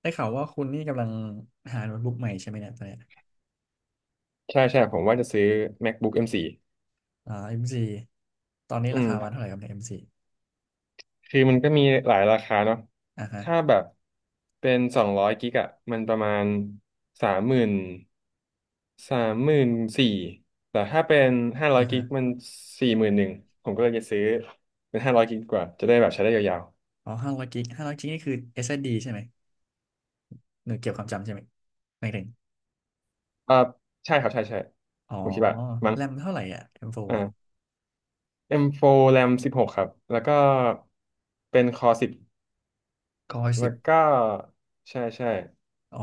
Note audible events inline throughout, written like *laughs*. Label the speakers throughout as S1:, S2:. S1: ได้ข่าวว่าคุณนี่กำลังหาโน้ตบุ๊กใหม่ใช่ไหมเนี่ยตอนเนี้ย
S2: ใช่ใช่ผมว่าจะซื้อ MacBook M4 อมโฟร์
S1: อ่า M4 ตอนนี้
S2: อื
S1: รา
S2: ม
S1: คามันเท่าไหร่ครับใน M4 อมซี
S2: คือมันก็มีหลายราคาเนาะ
S1: อ่าฮะ
S2: ถ้าแบบเป็นสองร้อยกิกอะมันประมาณสามหมื่นสามหมื่นสี่แต่ถ้าเป็นห้าร้อ
S1: อ่า
S2: ยกิ
S1: ฮะ
S2: กมันสี่หมื่นหนึ่งผมก็เลยจะซื้อเป็นห้าร้อยกิกดีกว่าจะได้แบบใช้ได้ยาว
S1: อ๋อห้าร้อยกิกนี่คือ SSD ใช่ไหมหน่วยเกี่ยวความจำใช่ไหมไม่ถึง
S2: ๆใช่ครับใช่ใช่
S1: อ๋อ
S2: ผมคิดว่ามั้ง
S1: แรมเท่าไหร่อ่ะ M4 อมโฟร์อ่ะ
S2: อ่า M4 RAM 16ครับ แล้วก็เป็นคอ10
S1: ก็สิ
S2: แล้ว
S1: บ
S2: ก็ใช่ใช่
S1: อ๋อ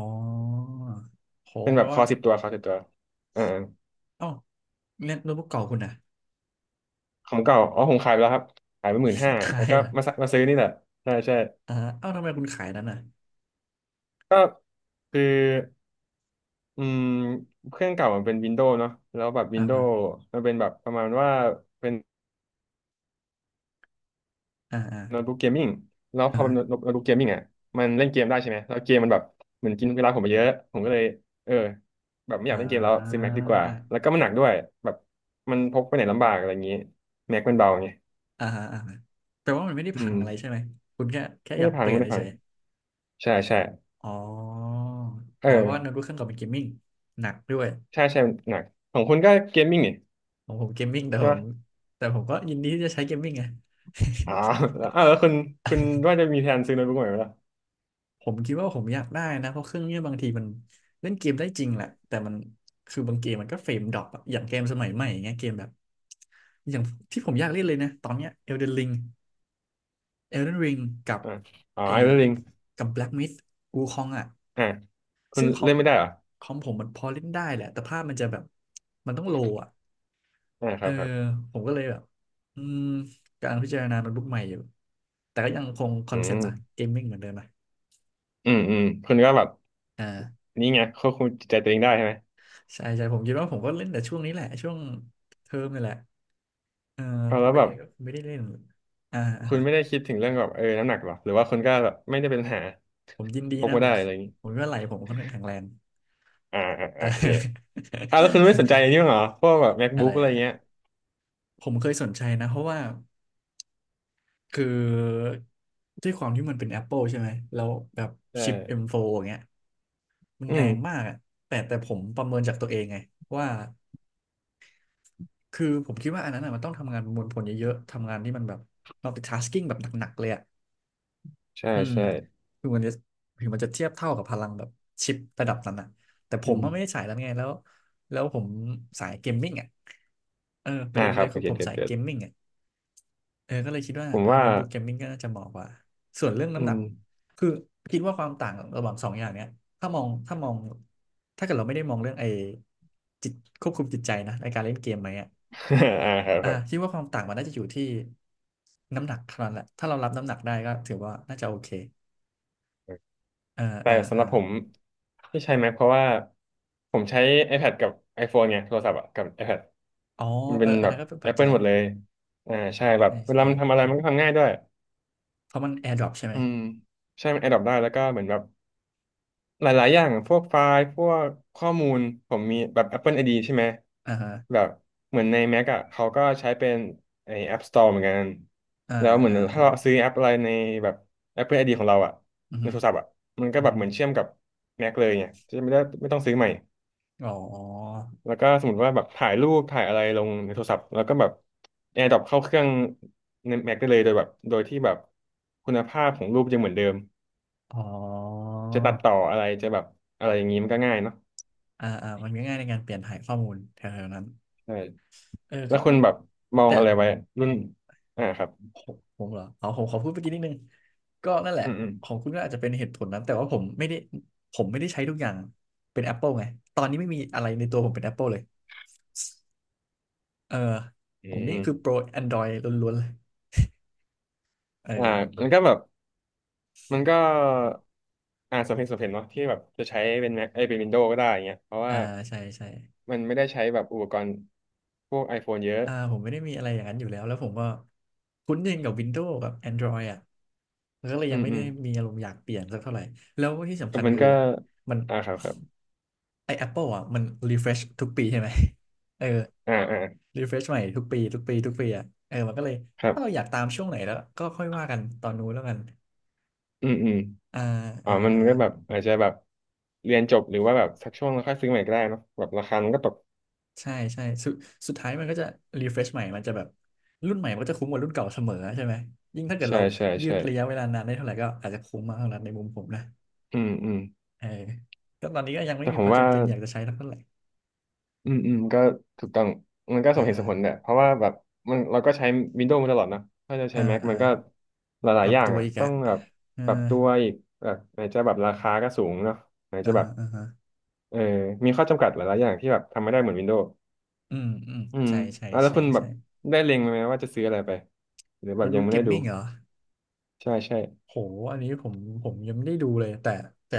S1: โห
S2: เป็น
S1: แป
S2: แบ
S1: ล
S2: บค
S1: ว่า
S2: อสิบตัวคอสิบตัวอ่า
S1: เอ้าเนี่ยโน้ตบุ๊กเก่าคุณนะ
S2: ของเก่าอ๋อผมขายไปแล้วครับขายไปหมื่นห้า
S1: *laughs* ขา
S2: แล้ว
S1: ย
S2: ก็
S1: อ่ะ
S2: มาซะมาซื้อนี่แหละใช่ใช่
S1: อ่าเอ้าทำไมคุณขายนั้นอ่ะ
S2: ก็คืออืมเครื่องเก่ามันเป็นวินโดว์เนาะแล้วแบบวิ
S1: อ่า
S2: นโด
S1: ฮะ
S2: ว์มันเป็นแบบประมาณว่าเป็น
S1: อ่าอ่า
S2: โน้ตบุ๊กเกมมิ่งแล้วพ
S1: อ่า
S2: อเป็
S1: ฮะ
S2: นโน้ตบุ๊กเกมมิ่งอ่ะมันเล่นเกมได้ใช่ไหม แล้วเกมมันแบบเหมือนกินเวลาผมไปเยอะ ผมก็เลยเออแบบไม่อ
S1: อ
S2: ยากเล่นเกมแล้ว
S1: ่
S2: ซื้อแม็กดีกว่า แล้ว
S1: า
S2: ก็มันหนักด้วยแบบมันพกไปไหนลำบากอะไรอย่างนี้แม็กมันเบาไง
S1: อ่าฮะอ่าฮะแต่ว่ามันไม่ได้
S2: อื
S1: พัง
S2: ม
S1: อะไรใช่ไหมคุณแค่
S2: ไม่
S1: อยา
S2: ได้
S1: ก
S2: พั
S1: เป
S2: ง
S1: ลี่
S2: ไม่
S1: ยน
S2: ได้พั
S1: เฉ
S2: ง
S1: ย
S2: ใช่ใช่
S1: ๆอ๋อ
S2: เอ
S1: อ๋อเพราะว่าโน้ต
S2: อ
S1: บุ๊กเครื่องเก่าเป็นเกมมิ่งหนักด้วย
S2: ใช่ใช่หนักของคุณก็เกมมิ่งนี่
S1: ของผมเกมมิ่งแต่
S2: ใช่
S1: ผ
S2: ป
S1: มแต่ผมก็ยินดีที่จะใช้เกมมิ่งไง
S2: หมอ๋อแล้วแล้วคุณว่าจะมีแผนซื้อโน้ตบุ๊กใหม่ไหมล่ะ
S1: *laughs* ผมคิดว่าผมอยากได้นะเพราะเครื่องเนี้ยบางทีมันเล่นเกมได้จริงแหละแต่มันคือบางเกมมันก็เฟรมดรอปอะอย่างเกมสมัยใหม่อย่างเงี้ยเกมแบบอย่างที่ผมอยากเล่นเลยนะตอนเนี้ย Elden Ring กับ
S2: อ่าอ๋อ
S1: ไอ้
S2: ไอ้เรื่อง
S1: กับ Black Myth วูคองอะ
S2: อ่าคุณ
S1: ซึ่งคอ
S2: เล่
S1: ม
S2: นไม่ได้เหรอ
S1: คอมผมมันพอเล่นได้แหละแต่ภาพมันจะแบบมันต้องโลอ่ะ
S2: อ่าค
S1: เออ
S2: รับครับ
S1: ผมก็เลยแบบอืมกำลังพิจารณาโน้ตบุ๊กใหม่อยู่แต่ก็ยังคงคอ
S2: อื
S1: นเซปต์นะ
S2: ม
S1: เกมมิ่งเหมือนเดิมนะ
S2: คุณก็แบบ
S1: อ่า
S2: นี่ไงควบคุมจิตใจตัวเองได้ใช่ไหม
S1: ใช่ใช่ผมคิดว่าผมก็เล่นแต่ช่วงนี้แหละช่วงเทอมนี่แหละเออ
S2: เอา
S1: พอ
S2: แล้ว
S1: ไป
S2: แบ
S1: เรี
S2: บ
S1: ยนก็ไม่ได้เล่นอ่าอ่า
S2: คุณไม่ได้คิดถึงเรื่องแบบน้ำหนักหรอหรือว่าคุณก็แบบไม่ได้เป็นปัญหา
S1: ผมยินดี
S2: พก
S1: นะ
S2: มา
S1: ผ
S2: ได้
S1: ม
S2: อะไรอย่างนี้
S1: ผมว่าไหลผมค่อนข้างแข็งแรง
S2: อ่าอ่า
S1: *laughs* อ่า
S2: อ่าโอเค
S1: *laughs*
S2: แล้วคุณไม่สนใจอันนี้บ้างเหรอพวกแบบ
S1: อะไร
S2: MacBook อะไร
S1: อะไร
S2: เงี้ย
S1: ผมเคยสนใจนะเพราะว่า คือด้วยความที่มันเป็น Apple ใช่ไหม แล้วแบบชิป
S2: เออ
S1: M4 อมโฟร์อย่างเงี้ยมัน
S2: อื
S1: แรง
S2: ม
S1: มากอะแต่ผมประเมินจากตัวเองไงว่าคือผมคิดว่าอันนั้นอะมันต้องทำงานประมวลผลเยอะๆ ทำงานที่มันแบบ multitasking แบบหนักๆเลยอะ
S2: ใช่
S1: อืม
S2: ใช่
S1: คือมันจะถึงมันจะเทียบเท่ากับพลังแบบชิประดับนั้นอะแต่ผ
S2: อื
S1: ม
S2: ม
S1: อะไม่ได้สายนั้นไงแล้วแล้วผมสายเกมมิ่งอะเออประ
S2: อ่า
S1: เด็น
S2: ค
S1: เล
S2: รับ
S1: ยคือผ
S2: เก็ต
S1: ม
S2: เก็ต
S1: สาย
S2: เก็
S1: เกมมิ่งอะ เออก็เลยคิดว่า
S2: ผม
S1: เออ
S2: ว่า
S1: โน้ตบุ๊กเกมมิ่งก็น่าจะเหมาะกว่าส่วนเรื่อง
S2: อื
S1: น้ำหนัก
S2: ม
S1: คือคิดว่าความต่างระหว่างสองอย่างเนี้ยถ้ามองถ้าเกิดเราไม่ได้มองเรื่องไอ้จิตควบคุมจิตใจนะในการเล่นเกมไหมอ่ะ
S2: *laughs* ค
S1: อ่า
S2: รับ
S1: คิดว่าความต่างมันน่าจะอยู่ที่น้ำหนักเท่านั้นแหละถ้าเรารับน้ำหนักได้ก็ถือว่าน่าจะโอเค
S2: ครับ
S1: เออเอ
S2: แต่
S1: อเอ
S2: สำห
S1: อ
S2: รับผมที่ใช้ Mac เพราะว่าผมใช้ iPad กับ iPhone ไงโทรศัพท์อะกับ iPad
S1: อ๋อ
S2: มัน
S1: เอ
S2: เป็
S1: อ
S2: น
S1: อั
S2: แบ
S1: น
S2: บ
S1: นั้นก็เป็นปัจจั
S2: Apple
S1: ย
S2: หม
S1: ห
S2: ด
S1: นึ่
S2: เล
S1: ง
S2: ยใช่แบบ
S1: ใช่
S2: เวลา
S1: ใช่
S2: มันทำอะไรมันก็ทำง่ายด้วย
S1: เพราะมันแอร์ดรอปใช่ไหม
S2: อืมใช่มัน a d ด p อได้แล้วก็เหมือนแบบ หลายๆอย่างพวกไฟล์ พวกข้อมูล ผมมีแบบ Apple ID ใช่ไหม
S1: อ่าฮะ
S2: แบบเหมือนใน Mac อ่ะเขาก็ใช้เป็นไอ้ App Store เหมือนกัน
S1: อ่า
S2: แล้วเหมือ
S1: อ่า
S2: น
S1: อ่า
S2: ถ้าเราซื้อแอปอะไรในแบบ Apple ID ของเราอ่ะ
S1: อือ
S2: ใน
S1: ฮึ
S2: โทรศัพท์อ่ะมันก็
S1: อือ
S2: แบบ
S1: ฮึ
S2: เหมือนเชื่อมกับ Mac เลยไงจะไม่ได้ไม่ต้องซื้อใหม่
S1: อ๋อ
S2: แล้วก็สมมติว่าแบบถ่ายรูปถ่ายอะไรลงในโทรศัพท์ แล้วก็แบบ AirDrop เข้าเครื่องใน Mac ได้เลยโดยแบบโดยที่แบบคุณภาพของรูปยังเหมือนเดิม
S1: อ๋อ
S2: จะตัดต่ออะไรจะแบบอะไรอย่างนี้มันก็ง่ายเนาะ
S1: อ่าอ่ามันก็ง่ายในการเปลี่ยนถ่ายข้อมูลแถวๆนั้น
S2: ใช่
S1: เออ
S2: แล้
S1: ก็
S2: วคุณ
S1: เอา
S2: แบบมอง
S1: แต่
S2: อะไรไว้รุ่นครับ
S1: ผมเหรอเอาผมขอพูดเมื่อกี้นิดนึงก็นั่นแหละ
S2: อืมอืม
S1: ของคุณก็อาจจะเป็นเหตุผลนั้นแต่ว่าผมไม่ได้ใช้ทุกอย่างเป็น Apple ไงตอนนี้ไม่มีอะไรในตัวผมเป็น Apple เลยเออ
S2: อื
S1: ผมนี่คือโปร
S2: ม
S1: Android ล้วนๆเลยเออ
S2: อ่ามันก็แบบมันก็สมเหตุสมผลเนาะที่แบบจะใช้เป็นแม็กไอยเป็นวินโดว์ก็ได้อย่างเงี้ยเพราะ
S1: อ่า
S2: ว่า
S1: ใช่ใช่
S2: มันไม่ได้ใช้แบบอุปกรณ์พวก iPhone เยอะ
S1: อ่าผมไม่ได้มีอะไรอย่างนั้นอยู่แล้วแล้วผมก็คุ้นชินกับ Windows กับ Android อ่ะแล้วก็เลย
S2: อื
S1: ยัง
S2: ม
S1: ไม่
S2: อื
S1: ได้
S2: ม
S1: มีอารมณ์อยากเปลี่ยนสักเท่าไหร่แล้วที่สำ
S2: ก็
S1: คัญ
S2: มัน
S1: คือ
S2: ก็
S1: มัน
S2: อ่าครับครับ
S1: ไอ้ Apple อ่ะมัน refresh ทุกปีใช่ไหม *laughs* เออ
S2: อ่าอ่า
S1: refresh ใหม่ทุกปีอ่ะเออมันก็เลย
S2: ครับ
S1: ถ้าเราอยากตามช่วงไหนแล้วก็ค่อยว่ากันตอนนู้นแล้วกัน
S2: อืมอืม
S1: อ่าเอ
S2: อ๋อ
S1: อ
S2: มั
S1: เอ
S2: น
S1: อ
S2: ก็แบบอาจจะแบบเรียนจบหรือว่าแบบสักช่วงแล้วค่อยซื้อใหม่ก็ได้เนาะแบบราคามันก็ตก
S1: ใช่ใช่สุดท้ายมันก็จะ refresh ใหม่มันจะแบบรุ่นใหม่มันก็จะคุ้มกว่ารุ่นเก่าเสมอใช่ไหมยิ่งถ้าเกิด
S2: ใช่
S1: เรา
S2: ใช่
S1: ยืด
S2: ใช่
S1: ระยะเวลานานได้เท่าไหร่ก็อาจจะคุ้มมากเท่านั้นในมุมผมนะ
S2: อืมอืม
S1: เออก็ตอนนี้ก็ยังไม่
S2: แต่
S1: มี
S2: ผ
S1: ค
S2: ม
S1: วาม
S2: ว่า
S1: จำเป็นอยากจะใช้เท่าไหร่
S2: ก็ถูกต้องมันก็ส
S1: อ่า
S2: มเหตุ
S1: อ่า
S2: สมผลเนี่ยเพราะว่าแบบมันเราก็ใช้ Windows มาตลอดนะถ้าจะใช้
S1: อ่า
S2: Mac
S1: อ่า
S2: มันก็ห
S1: ป
S2: ลาย
S1: รั
S2: ๆ
S1: บ
S2: อย่าง
S1: ตัว
S2: อ่ะ
S1: อีก
S2: ต้อ
S1: อะ
S2: งแบบ
S1: เออ
S2: ปรับตัวอีกแบบไหนจะแบบราคาก็สูงเนาะไหน
S1: อ่า
S2: จะแบ
S1: ฮะ
S2: บ
S1: อ่าฮะ
S2: เออมีข้อจำกัดหลายๆอย่างที่แบบทำไม่ได้เหมือน Windows
S1: อืมอืม
S2: อืม
S1: ใช่ใช่
S2: อ่ะแล้ว
S1: ใช่
S2: คุณแบบ
S1: ใช่
S2: ได้เล็งไหมว่าจะซื้ออะไรไปหรือแบ
S1: โน้
S2: บ
S1: ต
S2: ยัง
S1: บุ๊ก
S2: ไม่
S1: เก
S2: ได้
S1: ม
S2: ดู
S1: มิ่งเหรอ
S2: ใช่ใช่
S1: โหอันนี้ผมผมยังไม่ได้ดูเลยแต่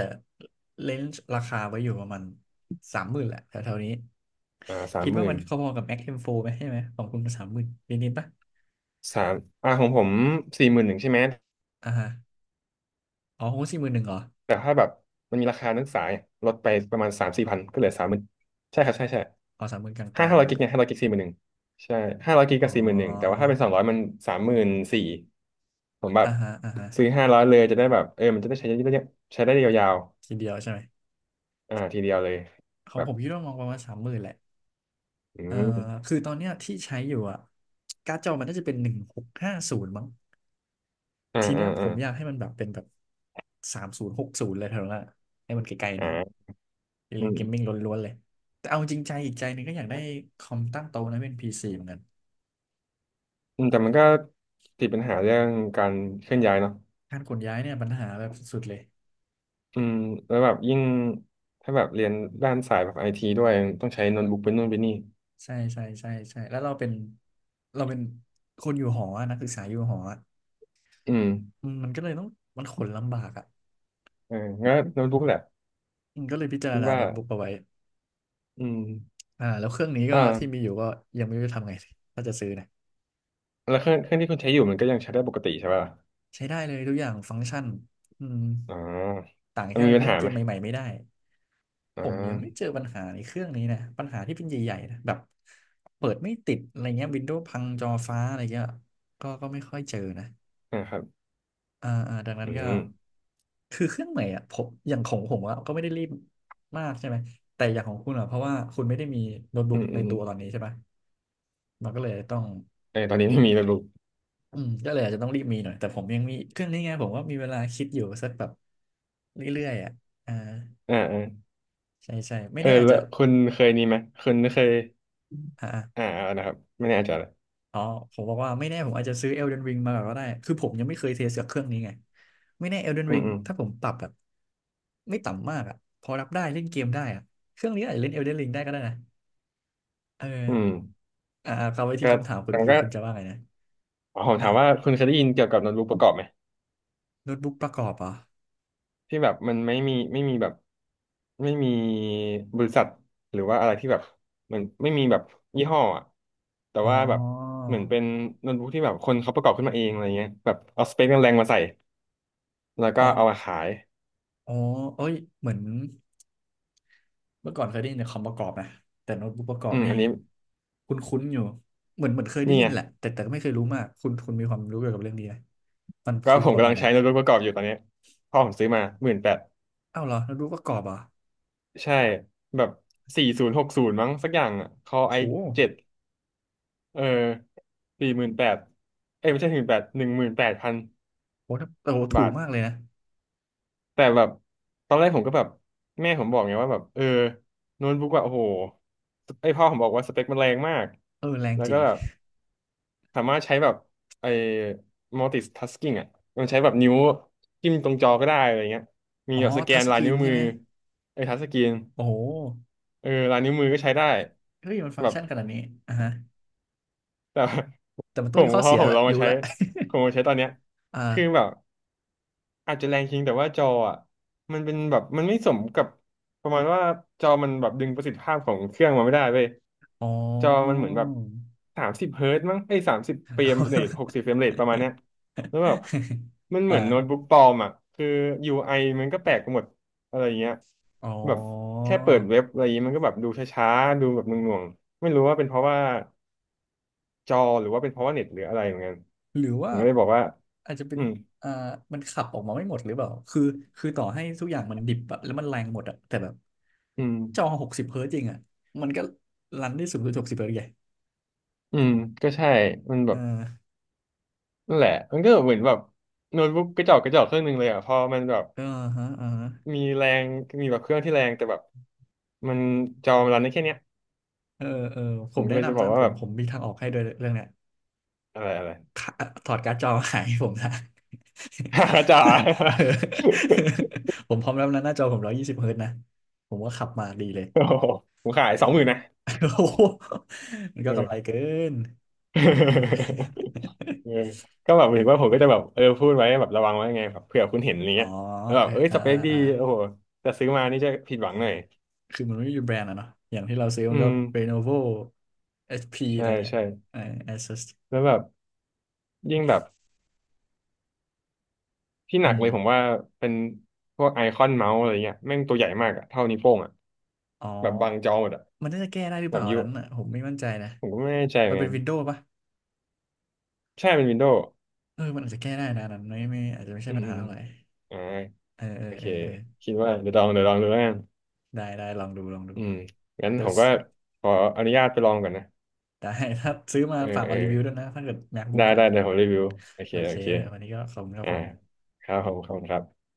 S1: เลนส์ราคาไว้อยู่ประมาณสามหมื่นแหละแถวๆนี้
S2: สาม
S1: คิด
S2: ห
S1: ว่า
S2: มื่
S1: มั
S2: น
S1: นพอๆกับ Mac M4 ไหม ใช่ไหมของคุณสามหมื่นนิดๆปะ
S2: สามของผมสี่หมื่นหนึ่งใช่ไหม
S1: อ่าฮะ อ๋อคง41,000เหรอ
S2: แต่ถ้าแบบมันมีราคานักศึกษาเนี่ยลดไปประมาณสามสี่พันก็เหลือสามหมื่นใช่ครับใช่ใช่
S1: อ๋อสามหมื่นก
S2: ห้า
S1: ลา
S2: ห้า
S1: ง
S2: ร้อยกิกเนี่ยห้าร้อยกิกสี่หมื่นหนึ่งใช่ห้าร้อยกิก
S1: ๆ
S2: ก็
S1: อ๋อ
S2: สี่หมื่นหนึ่งแต่ว่าถ้าเป็นสองร้อยมันสามหมื่นสี่ผมแบบ
S1: อ่าฮะอ่าฮะ
S2: ซื้อห้าร้อยเลยจะได้แบบมันจะได้ใช้ได้เยอะใช้ได้ยาว
S1: ทีเดียวใช่ไหม
S2: ๆทีเดียวเลย
S1: ของ
S2: แบ
S1: ผ
S2: บ
S1: มคิดว่ามองประมาณสามหมื่นแหละ
S2: อื
S1: เอ่อ
S2: ม
S1: คือตอนเนี้ยที่ใช้อยู่อะการ์ดจอมันน่าจะเป็น1650มั้ง
S2: อ่า
S1: ทีเนี้
S2: อ่า
S1: ยผ
S2: อ่า
S1: มอยากให้มันแบบเป็นแบบสามศูนย์หกศูนย์เลยเท่านั้นอะให้มันไกลๆ
S2: อ่
S1: หน่อย
S2: าอื
S1: เล่นเกมมิ่ง
S2: ม
S1: ล้วนๆเลยแต่เอาจริงใจอีกใจหนึงก็อยากได้คอมตั้งโต๊ะนะเป็นพีซีเหมือนกัน
S2: แต่มันก็ติดปัญหาเรื่องการเคลื่อนย้ายเนาะ
S1: การขนย้ายเนี่ยปัญหาแบบสุดๆเลย
S2: อืมแล้วแบบยิ่งถ้าแบบเรียนด้านสายแบบไอทีด้วยต้องใช้โน้ตบุ๊กเป็นนู่นเป็นนี่
S1: ใช่ใช่ใช่ใช่แล้วเราเป็นคนอยู่หออะนักศึกษาอยู่หออะ
S2: อืม
S1: อืมมันก็เลยต้องมันขนลำบากอ่ะ
S2: เอองั้นโน้ตบุ๊กแหละ
S1: อืมก็เลยพิจาร
S2: คิด
S1: ณา
S2: ว่า
S1: โน้ตบุ๊กเอาไว้
S2: อืม
S1: อ่าแล้วเครื่องนี้ก็ที่มี
S2: อ่า
S1: อยู่ก็ยังไม่รู้จะทำไงดีถ้าจะซื้อนะ
S2: แล้วเครื่องที่คุณใช้อยู่มันก็ยังใช้ได้ปกติใช่ป่ะ
S1: ใช้ได้เลยทุกอย่างฟังก์ชันอืม
S2: อ๋อ
S1: ต่าง
S2: มัน
S1: แค่
S2: มีปัญ
S1: เล่น
S2: หา
S1: เก
S2: ไหม
S1: มใหม่ๆไม่ได้
S2: อ๋
S1: ผมยังไม่
S2: อ
S1: เจอปัญหาในเครื่องนี้นะปัญหาที่เป็นใหญ่ๆนะแบบเปิดไม่ติดอะไรเงี้ยวินโดว์พังจอฟ้าอะไรเงี้ยก็ไม่ค่อยเจอนะ
S2: อ่าครับ
S1: อ่าอ่าดังนั้
S2: อื
S1: นก็
S2: ม
S1: คือเครื่องใหม่อ่ะผมอย่างของผมอะก็ไม่ได้รีบมากใช่ไหมแต่อย่างของคุณอ่ะเพราะว่าคุณไม่ได้มีโน้ต
S2: อื
S1: บุ๊ก
S2: ม
S1: ใน
S2: อืม
S1: ตัวตอนนี้ใช่ปะมันก็เลยต้อง
S2: เออตอนนี้ไม่มีโน้ตบุ๊ก
S1: อืมก็เลยอาจจะต้องรีบมีหน่อยแต่ผมยังมีเครื่องนี้ไงผมว่ามีเวลาคิดอยู่สักแบบเรื่อยๆอ่ะอ่า
S2: อ่าอ่า
S1: ใช่ใช่ไม่
S2: เออ
S1: แน่อาจ
S2: แล้
S1: จะ
S2: วคุณเคยนี่ไหมคุณเคย
S1: อ่าอะ
S2: อ่าเอานะครับไม่แน่ใจเลย
S1: อ๋อผมบอกว่าไม่แน่ผมอาจจะซื้อ Elden Ring มาก่อนก็ได้คือผมยังไม่เคยเทสกับเครื่องนี้ไงไม่แน่ Elden
S2: อืม
S1: Ring
S2: อืม
S1: ถ้าผมปรับแบบไม่ต่ำมากอ่ะพอรับได้เล่นเกมได้อ่ะเครื่องนี้อาจจะเล่น Elden Ring ได้ก็ได้นะเออ
S2: อืม
S1: อ่าเอาไปที่
S2: ก็
S1: คำถามคุณ
S2: แต่ม
S1: เมื่อกี้
S2: ก็
S1: คุณจะว่าไงนะ
S2: ขอผม
S1: อ่ะ
S2: ถามว่าคุณเคยได้ยินเกี่ยวกับโน้ตบุ๊กประกอบไหม
S1: โน้ตบุ๊กประกอบเหรอ
S2: ที่แบบมันไม่มีบริษัทหรือว่าอะไรที่แบบเหมือนไม่มีแบบยี่ห้ออะแต่
S1: อ๋อ
S2: ว่าแบบเหมือนเป็นโน้ตบุ๊กที่แบบคนเขาประกอบขึ้นมาเองอะไรเงี้ยแบบเอาสเปคแรงๆมาใส่แล้ว
S1: อ๋อ
S2: ก็เอามาขาย
S1: อ๋อเอ้ยเหมือน เมื่อก่อนเคยได้ยินแต่คอมประกอบนะแต่โน้ตบุ๊กประกอ
S2: อื
S1: บ
S2: ม
S1: นี่
S2: อันนี้
S1: คุ้นๆอยู่เหมือนเหมือนเคยได้
S2: นี่
S1: ยิ
S2: ไง
S1: นแหละแต่ก็ไม่เคยรู้มากคุณมีความรู้เกี่ยวกับเรื่องนี้ไหมมัน
S2: ก็
S1: คือ
S2: ผ
S1: ป
S2: ม
S1: ระ
S2: กำ
S1: มา
S2: ลั
S1: ณ
S2: ง
S1: ไหน
S2: ใช้โน้ตบุ๊กประกอบอยู่ตอนเนี้ยพ่อผมซื้อมาหมื่นแปด
S1: อ้าวเหรอโน้ตบุ๊กประกอบเหรอ่ะ
S2: ใช่แบบ4060มั้งสักอย่างอ่ะคอไอ
S1: โห
S2: 7เออ48000เอ้ยไม่ใช่หมื่นแปด18,000
S1: โหถ้าโอ้โหถู
S2: บา
S1: ก
S2: ท
S1: มากเลยนะ
S2: แต่แบบตอนแรกผมก็แบบแม่ผมบอกไงว่าแบบเออโน้ตบุ๊กแบบโอ้โหไอพ่อผมบอกว่าสเปคมันแรงมาก
S1: เออแรง
S2: แล้ว
S1: จริ
S2: ก็
S1: ง
S2: แบบสามารถใช้แบบไอ multitasking อ่ะมันใช้แบบนิ้วจิ้มตรงจอก็ได้อะไรเงี้ยมี
S1: อ๋อ
S2: แบบสแก
S1: ทัช
S2: น
S1: ส
S2: ลา
S1: ก
S2: ย
S1: รี
S2: นิ้
S1: น
S2: ว
S1: ใช่
S2: มือ
S1: ไหม
S2: ไอทัชสกรีน
S1: โอ้โห
S2: เออลายนิ้วมือก็ใช้ได้
S1: เฮ้ยมันฟัง
S2: แบ
S1: ก์
S2: บ
S1: ชันขนาดนี้อ่ะฮะ
S2: แต่
S1: แต่มัน
S2: *laughs* ผ
S1: ต้องมี
S2: ม
S1: ข้อ
S2: พอ
S1: เสีย
S2: ผม
S1: แห
S2: ล
S1: ละ
S2: องมา
S1: รู้
S2: ใช้
S1: ละ *laughs*
S2: ผมมาใช้ตอนเนี้ย
S1: อ่า
S2: คือแบบ อาจจะแรงจริงแต่ว่าจออ่ะมันเป็นแบบมันไม่สมกับประมาณว่าจอมันแบบดึงประสิทธิภาพของเครื่องมาไม่ได้เว้ย
S1: อ๋อ
S2: จอมั
S1: *laughs*
S2: นเหมือนแบบสามสิบเฮิร์ตซ์มั้งไอ้สามสิบเฟรมเรท60เฟรมเรทประมาณเนี้ยแล้วแบบมันเหมือนโน้ต
S1: อ่า
S2: บุ๊กปลอมอ่ะคือ UI มันก็แปลกไปหมดอะไรเงี้ย
S1: อ๋
S2: แบบ
S1: อ
S2: แค่เปิดเว็บอะไรเงี้ยมันก็แบบดูช้าๆดูแบบหน่วงๆไม่รู้ว่าเป็นเพราะว่าจอหรือว่าเป็นเพราะว่าเน็ตหรืออะไรเหมือนกัน
S1: หรือ
S2: ผ
S1: ว่า
S2: มก็เลยบอกว่า
S1: อาจจะเป็น
S2: อืม
S1: อ่ามันขับออกมาไม่หมดหรือเปล่าคือต่อให้ทุกอย่างมันดิบอะแล้วมันแรงหมดอะแต่แบบ
S2: อืม
S1: จอหกสิบเฮิร์ตจริงอะมันก็รันได้สูงสุดหกสิบเฮิร์ตไง
S2: อืมก็ใช่มันแบ
S1: เอ
S2: บ
S1: อ
S2: นั่นแหละมันก็เหมือนแบบโน้ตบุ๊กกระจอกกระจอกเครื่องหนึ่งเลยอ่ะพอมันแบบ
S1: เออฮะเออฮะ
S2: มีแรงมีแบบเครื่องที่แรงแต่แบบมันจอมันรันได้แค่เนี้ย
S1: เออเออผ
S2: ผ
S1: ม
S2: มก็
S1: แนะ
S2: เลยจะ
S1: นำ
S2: บอก
S1: นะ
S2: ว่า
S1: ผ
S2: แบ
S1: ม
S2: บ
S1: ผมมีทางออกให้ด้วยเรื่องเนี้ย
S2: อะไรอะไร
S1: ขาถอดการ์ดจอมาขายให้ผมนะ
S2: *laughs* จ๋า
S1: *laughs* เออ
S2: *laughs*
S1: ผมพร้อมรับนะหน้าจอผม120 เฮิร์ตนะผมว่าขับมาดีเลย
S2: โอ้โหผมขาย20,000นะ
S1: *laughs* โอ้โหมัน
S2: เอ
S1: ก็กำ
S2: อ
S1: ไร
S2: *laughs*
S1: เกินโอเค
S2: เออก็แบบเห็นว่าผมก็จะแบบเออพูดไว้แบบระวังไว้ไงแบบเผื่อคุณเห็นอะไร
S1: อ๋อ
S2: เงี้ยแล้วแบ
S1: เอ
S2: บ
S1: อ
S2: เอ้ย
S1: อ่า
S2: สเป
S1: อ่า
S2: คดี
S1: อ่า
S2: โอ้โหแต่ซื้อมานี่จะผิดหวังหน่อย
S1: คือมันไม่มีแบรนด์อะเนาะอย่างที่เราซื้อ
S2: อื
S1: มันก็
S2: ม
S1: Lenovo HP อชพีอะ
S2: ใช่
S1: ไรเงี้ย
S2: ใช่
S1: เออ Asus
S2: แล้วแบบยิ่งแบบ ที่หนั
S1: อื
S2: ก
S1: ม
S2: เลยผมว่าเป็นพวกไอคอนเมาส์อะไรเงี้ยแม่งตัวใหญ่มากอะเท่านิ้วโป้งอะ
S1: อ๋อ
S2: แบบบังจอหมดอะ
S1: มันน่าจะแก้ได้หรือ
S2: แบ
S1: เป
S2: บ
S1: ล่าอั
S2: ยู
S1: นนั้นอ่ะผมไม่มั่นใจนะ
S2: ผมก็ไม่แน่ใจเห
S1: มั
S2: มื
S1: น
S2: อน
S1: เป็
S2: กั
S1: น
S2: น
S1: วินโดว์ปะ
S2: ใช่เป็นวินโดว์
S1: เออมันอาจจะแก้ได้นะอันนั้นไม่อาจจะไม่ใช่
S2: อืม
S1: ปัญ
S2: อื
S1: หา
S2: ม
S1: อะไร
S2: อ่า
S1: เออเออ
S2: โอเค
S1: เออเออ
S2: คิดว่าเดี๋ยวลองเดี๋ยวลองดูแล้วกัน
S1: ได้ได้ลองดูลองดู
S2: อืมงั้น
S1: เดี๋ย
S2: ผ
S1: ว
S2: มก็ขออนุญาตไปลองก่อนนะ
S1: ได้ *laughs* ถ้าซื้อมา
S2: เออ
S1: ฝาก
S2: เอ
S1: มา
S2: อ
S1: รีวิวด้วยนะถ้าเกิด MacBook
S2: ได้
S1: อ่ะ
S2: ได้เดี๋ยวผมรีวิวโอเค
S1: โอเค
S2: โอเค
S1: วันนี้ก็ขอบคุณครับ
S2: อ่า
S1: ผม
S2: ครับผมขอบคุณครับ